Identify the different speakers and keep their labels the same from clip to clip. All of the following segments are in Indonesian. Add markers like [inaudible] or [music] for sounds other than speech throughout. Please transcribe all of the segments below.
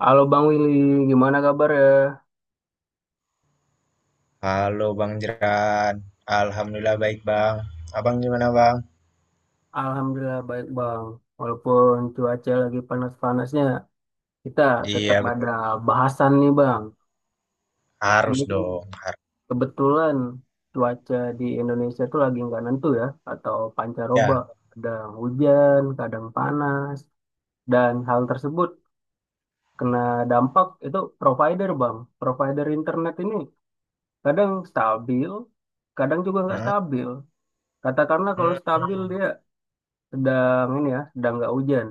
Speaker 1: Halo Bang Willy, gimana kabar ya?
Speaker 2: Halo Bang Jeran, Alhamdulillah baik Bang. Abang gimana Bang?
Speaker 1: Alhamdulillah baik Bang. Walaupun cuaca lagi panas-panasnya, kita tetap
Speaker 2: Iya
Speaker 1: ada bahasan nih Bang.
Speaker 2: harus
Speaker 1: Ini kan
Speaker 2: dong, harus
Speaker 1: kebetulan cuaca di Indonesia tuh lagi nggak nentu ya, atau pancaroba.
Speaker 2: ya.
Speaker 1: Kadang hujan, kadang panas. Dan hal tersebut kena dampak itu provider Bang. Provider internet ini kadang stabil, kadang juga nggak
Speaker 2: Heeh.
Speaker 1: stabil. Katakanlah kalau
Speaker 2: Hmm,
Speaker 1: stabil dia sedang ini ya, sedang nggak hujan.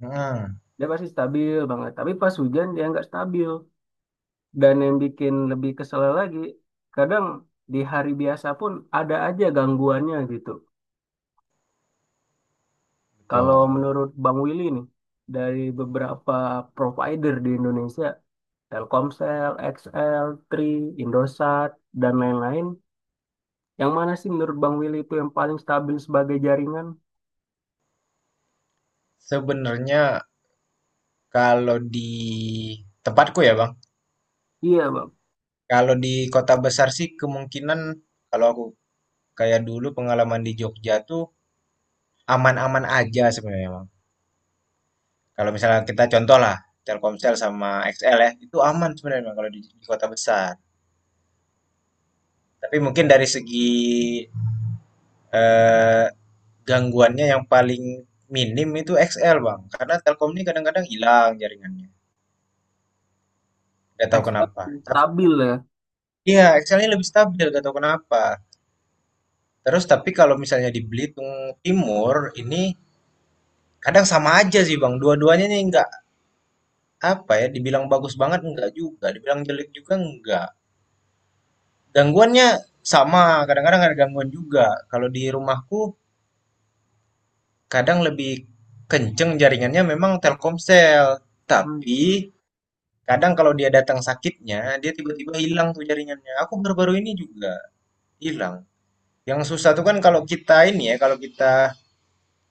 Speaker 2: hmm,
Speaker 1: Dia pasti stabil banget. Tapi pas hujan dia nggak stabil. Dan yang bikin lebih kesel lagi, kadang di hari biasa pun ada aja gangguannya gitu. Kalau
Speaker 2: betul.
Speaker 1: menurut Bang Willy nih, dari beberapa provider di Indonesia, Telkomsel, XL, Tri, Indosat, dan lain-lain, yang mana sih menurut Bang Willy itu yang paling stabil sebagai jaringan?
Speaker 2: Sebenarnya kalau di tempatku ya Bang,
Speaker 1: Iya, Bang.
Speaker 2: kalau di kota besar sih kemungkinan kalau aku kayak dulu pengalaman di Jogja tuh aman-aman aja sebenarnya Bang. Kalau misalnya kita contoh lah Telkomsel sama XL ya, itu aman sebenarnya Bang kalau di kota besar. Tapi mungkin dari segi eh, Gangguannya yang paling minim itu XL, Bang. Karena Telkom ini kadang-kadang hilang jaringannya, nggak tahu kenapa.
Speaker 1: XL
Speaker 2: Tapi
Speaker 1: stabil ya.
Speaker 2: iya, XL ini lebih stabil, nggak tahu kenapa. Terus tapi kalau misalnya di Belitung Timur ini kadang sama aja sih, Bang. Dua-duanya nih nggak apa ya, dibilang bagus banget nggak juga, dibilang jelek juga nggak. Gangguannya sama, kadang-kadang ada gangguan juga. Kalau di rumahku kadang lebih kenceng jaringannya memang Telkomsel.
Speaker 1: Hmm,
Speaker 2: Tapi kadang kalau dia datang sakitnya, dia tiba-tiba hilang tuh jaringannya. Aku baru-baru ini juga hilang. Yang susah tuh kan kalau kita ini ya, kalau kita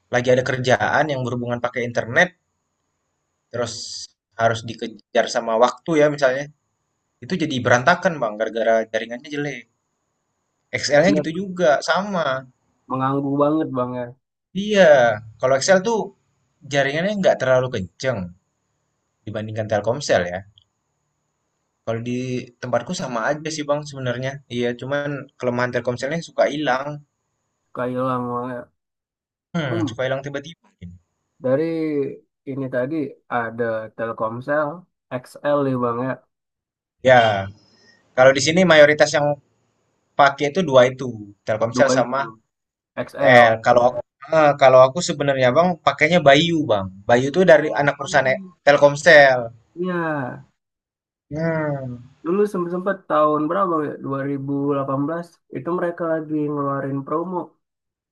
Speaker 2: lagi ada kerjaan yang berhubungan pakai internet, terus harus dikejar sama waktu ya misalnya, itu jadi berantakan bang, gara-gara jaringannya jelek. XL-nya gitu
Speaker 1: bener
Speaker 2: juga, sama.
Speaker 1: mengganggu banget bang ya,
Speaker 2: Iya, kalau XL tuh jaringannya nggak terlalu kenceng dibandingkan Telkomsel ya. Kalau di tempatku sama aja sih bang sebenarnya. Iya, cuman kelemahan Telkomselnya suka hilang.
Speaker 1: Kak Ilham.
Speaker 2: Hmm,
Speaker 1: hmm,
Speaker 2: suka hilang tiba-tiba.
Speaker 1: dari ini tadi ada Telkomsel, XL nih Bang ya,
Speaker 2: Ya, kalau di sini mayoritas yang pakai itu dua itu, Telkomsel
Speaker 1: dua
Speaker 2: sama
Speaker 1: itu, XL.
Speaker 2: L. Kalau aku, sebenarnya Bang pakainya Bayu, Bang. Bayu itu dari
Speaker 1: Oh,
Speaker 2: anak perusahaan
Speaker 1: pagi.
Speaker 2: Telkomsel.
Speaker 1: Iya,
Speaker 2: Hmm,
Speaker 1: dulu sempat sempat tahun berapa Bang, ya, 2018 itu mereka lagi ngeluarin promo,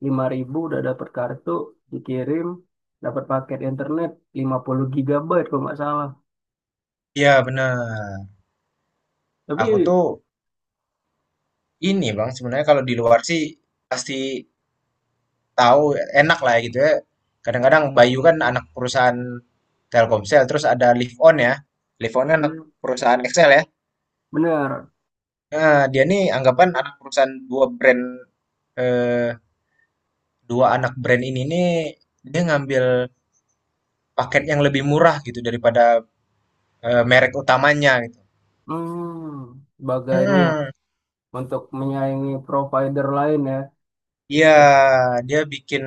Speaker 1: 5.000 udah dapat kartu, dikirim, dapat paket internet 50 GB kalau nggak salah.
Speaker 2: ya benar.
Speaker 1: Tapi
Speaker 2: Aku tuh ini, Bang, sebenarnya kalau di luar sih pasti tahu enak lah ya gitu ya. Kadang-kadang Bayu kan anak perusahaan Telkomsel, terus ada Live On ya. Live On kan anak
Speaker 1: hmm,
Speaker 2: perusahaan Excel ya.
Speaker 1: bener,
Speaker 2: Nah, dia nih anggapan anak perusahaan eh, dua anak brand ini nih dia ngambil paket yang lebih murah gitu daripada merek utamanya gitu.
Speaker 1: sebagai ini ya,
Speaker 2: Hmm,
Speaker 1: untuk menyaingi provider lain ya,
Speaker 2: iya,
Speaker 1: jadi
Speaker 2: dia bikin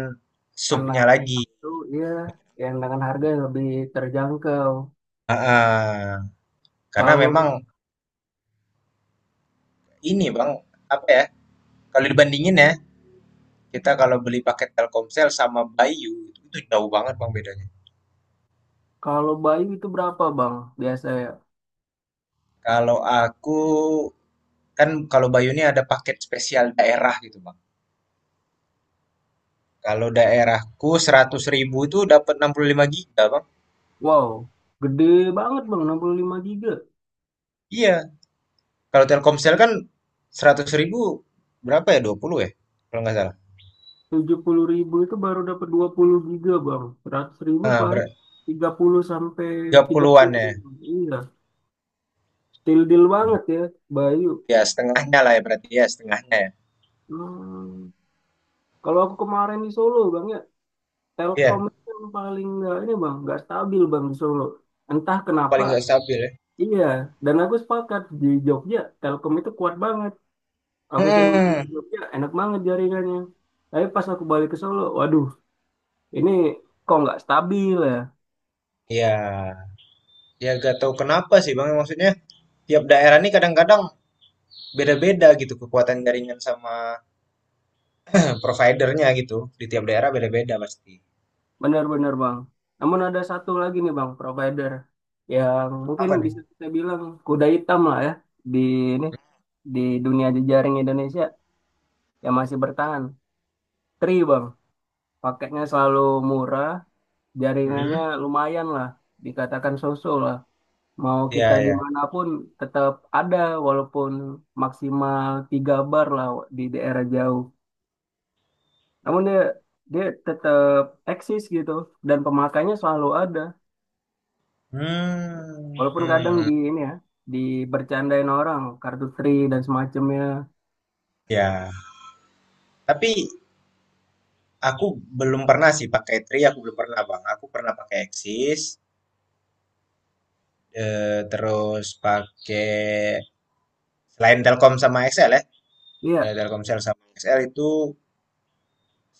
Speaker 1: anak
Speaker 2: supnya lagi.
Speaker 1: itu iya yang dengan harga yang lebih terjangkau.
Speaker 2: Ah, karena
Speaker 1: Kalau
Speaker 2: memang ini Bang, apa ya? Kalau dibandingin ya, kita kalau beli paket Telkomsel sama Bayu itu jauh banget Bang bedanya.
Speaker 1: kalau Bayu itu berapa Bang biasanya?
Speaker 2: Kalau aku kan kalau Bayu ini ada paket spesial daerah gitu Bang. Kalau daerahku 100 ribu itu dapat 65 giga Bang.
Speaker 1: Wow, gede banget Bang 65 GB.
Speaker 2: Iya, kalau Telkomsel kan 100 ribu berapa ya? 20 ya? Kalau nggak salah.
Speaker 1: 70.000 itu baru dapat 20 GB Bang. 100.000
Speaker 2: Nah,
Speaker 1: paling 30 sampai tiga
Speaker 2: 30
Speaker 1: puluh.
Speaker 2: ya.
Speaker 1: Iya, still deal banget ya Bayu.
Speaker 2: Ya, setengahnya lah ya berarti ya, setengahnya ya.
Speaker 1: Hmm. Kalau aku kemarin di Solo Bang ya, Telkom
Speaker 2: Iya,
Speaker 1: itu yang paling nggak ini Bang, nggak stabil Bang di Solo. Entah
Speaker 2: itu
Speaker 1: kenapa.
Speaker 2: paling nggak stabil ya.
Speaker 1: Iya, dan aku sepakat di Jogja Telkom itu kuat banget. Aku sering main ke
Speaker 2: Hmm.
Speaker 1: Jogja, enak banget jaringannya. Tapi pas aku balik ke Solo, waduh, ini kok nggak stabil ya?
Speaker 2: Ya, ya gak tahu kenapa sih Bang. Maksudnya tiap daerah ini kadang-kadang beda-beda gitu kekuatan jaringan sama providernya gitu. Di tiap daerah beda-beda pasti.
Speaker 1: Benar-benar bang. Namun ada satu lagi nih bang, provider yang mungkin
Speaker 2: Apa nih?
Speaker 1: bisa kita bilang kuda hitam lah ya di ini di dunia jejaring Indonesia yang masih bertahan. Tri bang, paketnya selalu murah, jaringannya
Speaker 2: Hmm.
Speaker 1: lumayan lah, dikatakan so-so lah. Mau kita
Speaker 2: Ya, ya.
Speaker 1: dimanapun tetap ada walaupun maksimal 3 bar lah di daerah jauh. Namun dia dia tetap eksis gitu dan pemakainya selalu ada.
Speaker 2: Hmm.
Speaker 1: Walaupun kadang
Speaker 2: Hmm.
Speaker 1: di ini ya dibercandain orang kartu tri dan semacamnya.
Speaker 2: Ya. Tapi aku belum pernah sih pakai Tri, aku belum pernah Bang. Aku pernah pakai Axis, terus pakai selain Telkom sama XL ya.
Speaker 1: Iya,
Speaker 2: Telkomsel sama XL itu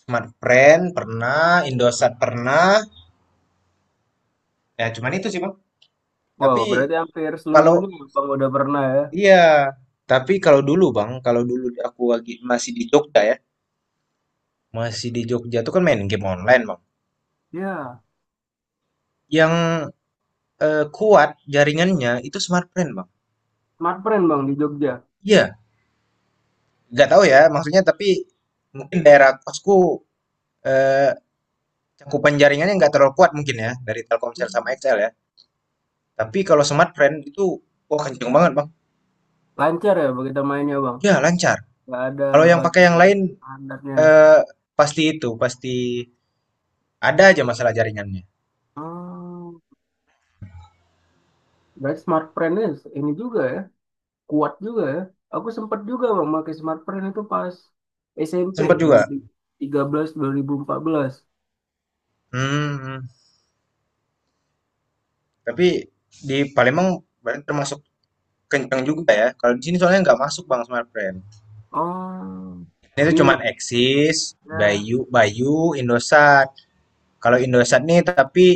Speaker 2: Smartfren pernah, Indosat pernah. Ya cuman itu sih Bang.
Speaker 1: wow
Speaker 2: Tapi
Speaker 1: berarti hampir seluruhnya
Speaker 2: kalau
Speaker 1: bang udah pernah ya.
Speaker 2: iya, tapi kalau dulu Bang, kalau dulu aku lagi masih di Jogja ya. Masih di Jogja tuh kan main game online Bang.
Speaker 1: Iya,
Speaker 2: Yang kuat jaringannya itu Smartfren Bang.
Speaker 1: smartfren bang di Jogja.
Speaker 2: Iya, nggak tahu ya, maksudnya tapi mungkin daerah kosku eh, cakupan jaringannya nggak terlalu kuat mungkin ya dari Telkomsel sama XL ya. Tapi kalau Smartfren itu wah kenceng banget bang.
Speaker 1: Lancar ya begitu mainnya bang.
Speaker 2: Ya lancar.
Speaker 1: Gak ada
Speaker 2: Kalau yang pakai
Speaker 1: bagi
Speaker 2: yang lain
Speaker 1: standarnya.
Speaker 2: eh, pasti itu pasti ada aja masalah jaringannya.
Speaker 1: Hmm, berarti smartfren ini juga ya. Kuat juga ya. Aku sempat juga bang pakai smartphone itu pas SMP
Speaker 2: Sempat juga.
Speaker 1: 2013 2014.
Speaker 2: Hmm, tapi di Palembang berarti termasuk kenceng juga ya. Kalau di sini soalnya nggak masuk bang Smartfren.
Speaker 1: Oh,
Speaker 2: Ini tuh
Speaker 1: ini
Speaker 2: cuman Axis,
Speaker 1: maksudnya
Speaker 2: Bayu, Bayu, Indosat. Kalau Indosat nih tapi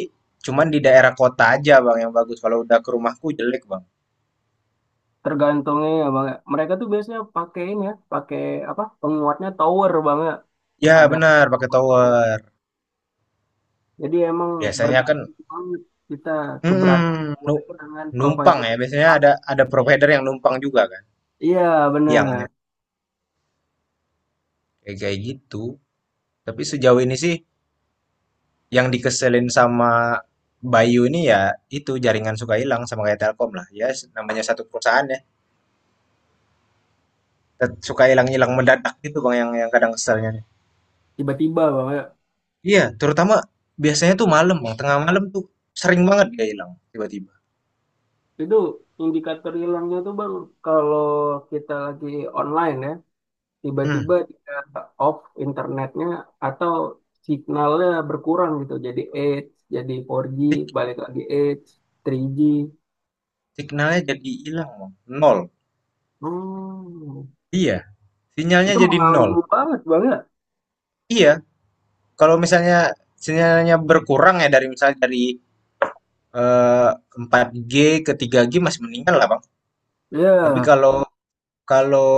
Speaker 2: cuman di daerah kota aja Bang yang bagus. Kalau udah ke rumahku jelek Bang.
Speaker 1: tergantungnya ya bang. Ya. Mereka tuh biasanya pakai ini ya, pakai apa? Penguatnya tower bang ya.
Speaker 2: Ya
Speaker 1: Ada
Speaker 2: benar pakai
Speaker 1: tower. Tower.
Speaker 2: tower.
Speaker 1: Jadi emang
Speaker 2: Biasanya kan
Speaker 1: bergantung banget kita keberadaan
Speaker 2: mm-mm,
Speaker 1: tower
Speaker 2: nu-
Speaker 1: itu dengan
Speaker 2: numpang
Speaker 1: provider.
Speaker 2: ya.
Speaker 1: Yang
Speaker 2: Biasanya
Speaker 1: pas.
Speaker 2: ada provider yang numpang juga kan
Speaker 1: Iya bener.
Speaker 2: tiangnya. Kayak kayak gitu. Tapi sejauh ini sih yang dikeselin sama Bayu ini ya itu jaringan suka hilang sama kayak Telkom lah. Ya namanya satu perusahaan ya. Suka hilang-hilang mendadak gitu Bang yang kadang keselnya.
Speaker 1: Tiba-tiba bang ya.
Speaker 2: Iya, terutama biasanya tuh malam, Bang, tengah malam tuh sering banget dia hilang tiba-tiba.
Speaker 1: Itu indikator hilangnya tuh bang kalau kita lagi online ya.
Speaker 2: Mhm,
Speaker 1: Tiba-tiba dia off internetnya atau signalnya berkurang gitu jadi 8 jadi 4G
Speaker 2: sig
Speaker 1: balik lagi 8 3G.
Speaker 2: signalnya jadi hilang, Bang, nol.
Speaker 1: hmm.
Speaker 2: Iya, sinyalnya
Speaker 1: Itu
Speaker 2: jadi nol.
Speaker 1: mengganggu banget banget
Speaker 2: Iya, kalau misalnya sinyalnya berkurang ya dari misalnya dari, eee, 4G ke 3G masih mendingan lah, Bang. Tapi
Speaker 1: ya,
Speaker 2: kalau kalau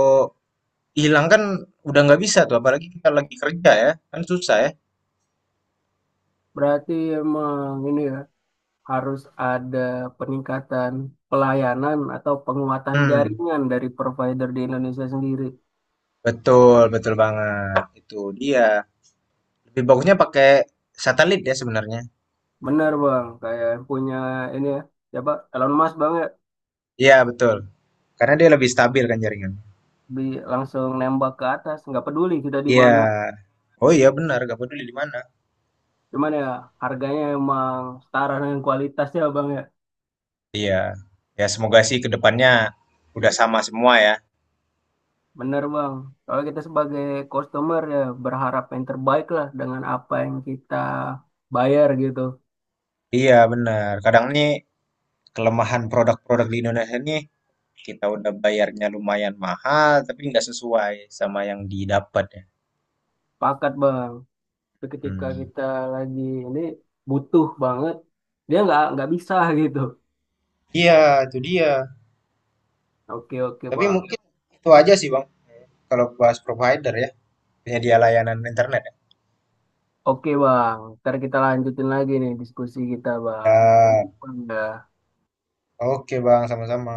Speaker 2: hilang kan udah nggak bisa tuh, apalagi kita lagi kerja ya, kan susah ya.
Speaker 1: berarti emang ini ya harus ada peningkatan pelayanan atau penguatan
Speaker 2: Hmm,
Speaker 1: jaringan dari provider di Indonesia sendiri.
Speaker 2: Betul betul banget, itu dia. Lebih bagusnya pakai satelit ya sebenarnya.
Speaker 1: Benar bang, kayak yang punya ini ya, Coba Elon Musk banget.
Speaker 2: Iya, betul. Karena dia lebih stabil kan jaringan.
Speaker 1: bi Langsung nembak ke atas, nggak peduli kita di
Speaker 2: Iya.
Speaker 1: mana.
Speaker 2: Oh iya benar, gak peduli di mana.
Speaker 1: Cuman ya harganya emang setara dengan kualitasnya bang ya.
Speaker 2: Iya. Ya semoga sih ke depannya udah sama semua ya.
Speaker 1: Bener bang. Kalau kita sebagai customer ya berharap yang terbaik lah dengan apa yang kita bayar gitu.
Speaker 2: Iya benar. Kadang nih kelemahan produk-produk di Indonesia nih kita udah bayarnya lumayan mahal tapi nggak sesuai sama yang didapat ya.
Speaker 1: Pakat bang. Tapi ketika
Speaker 2: Hmm.
Speaker 1: kita lagi ini butuh banget, dia nggak bisa [laughs] gitu.
Speaker 2: Iya, itu dia.
Speaker 1: Oke oke
Speaker 2: Tapi
Speaker 1: bang.
Speaker 2: mungkin itu aja sih Bang kalau bahas provider ya, penyedia layanan internet ya.
Speaker 1: Oke bang. Ntar kita lanjutin lagi nih diskusi kita bang. Thank you,
Speaker 2: Ya,
Speaker 1: Bang. Dah.
Speaker 2: oke Bang, sama-sama.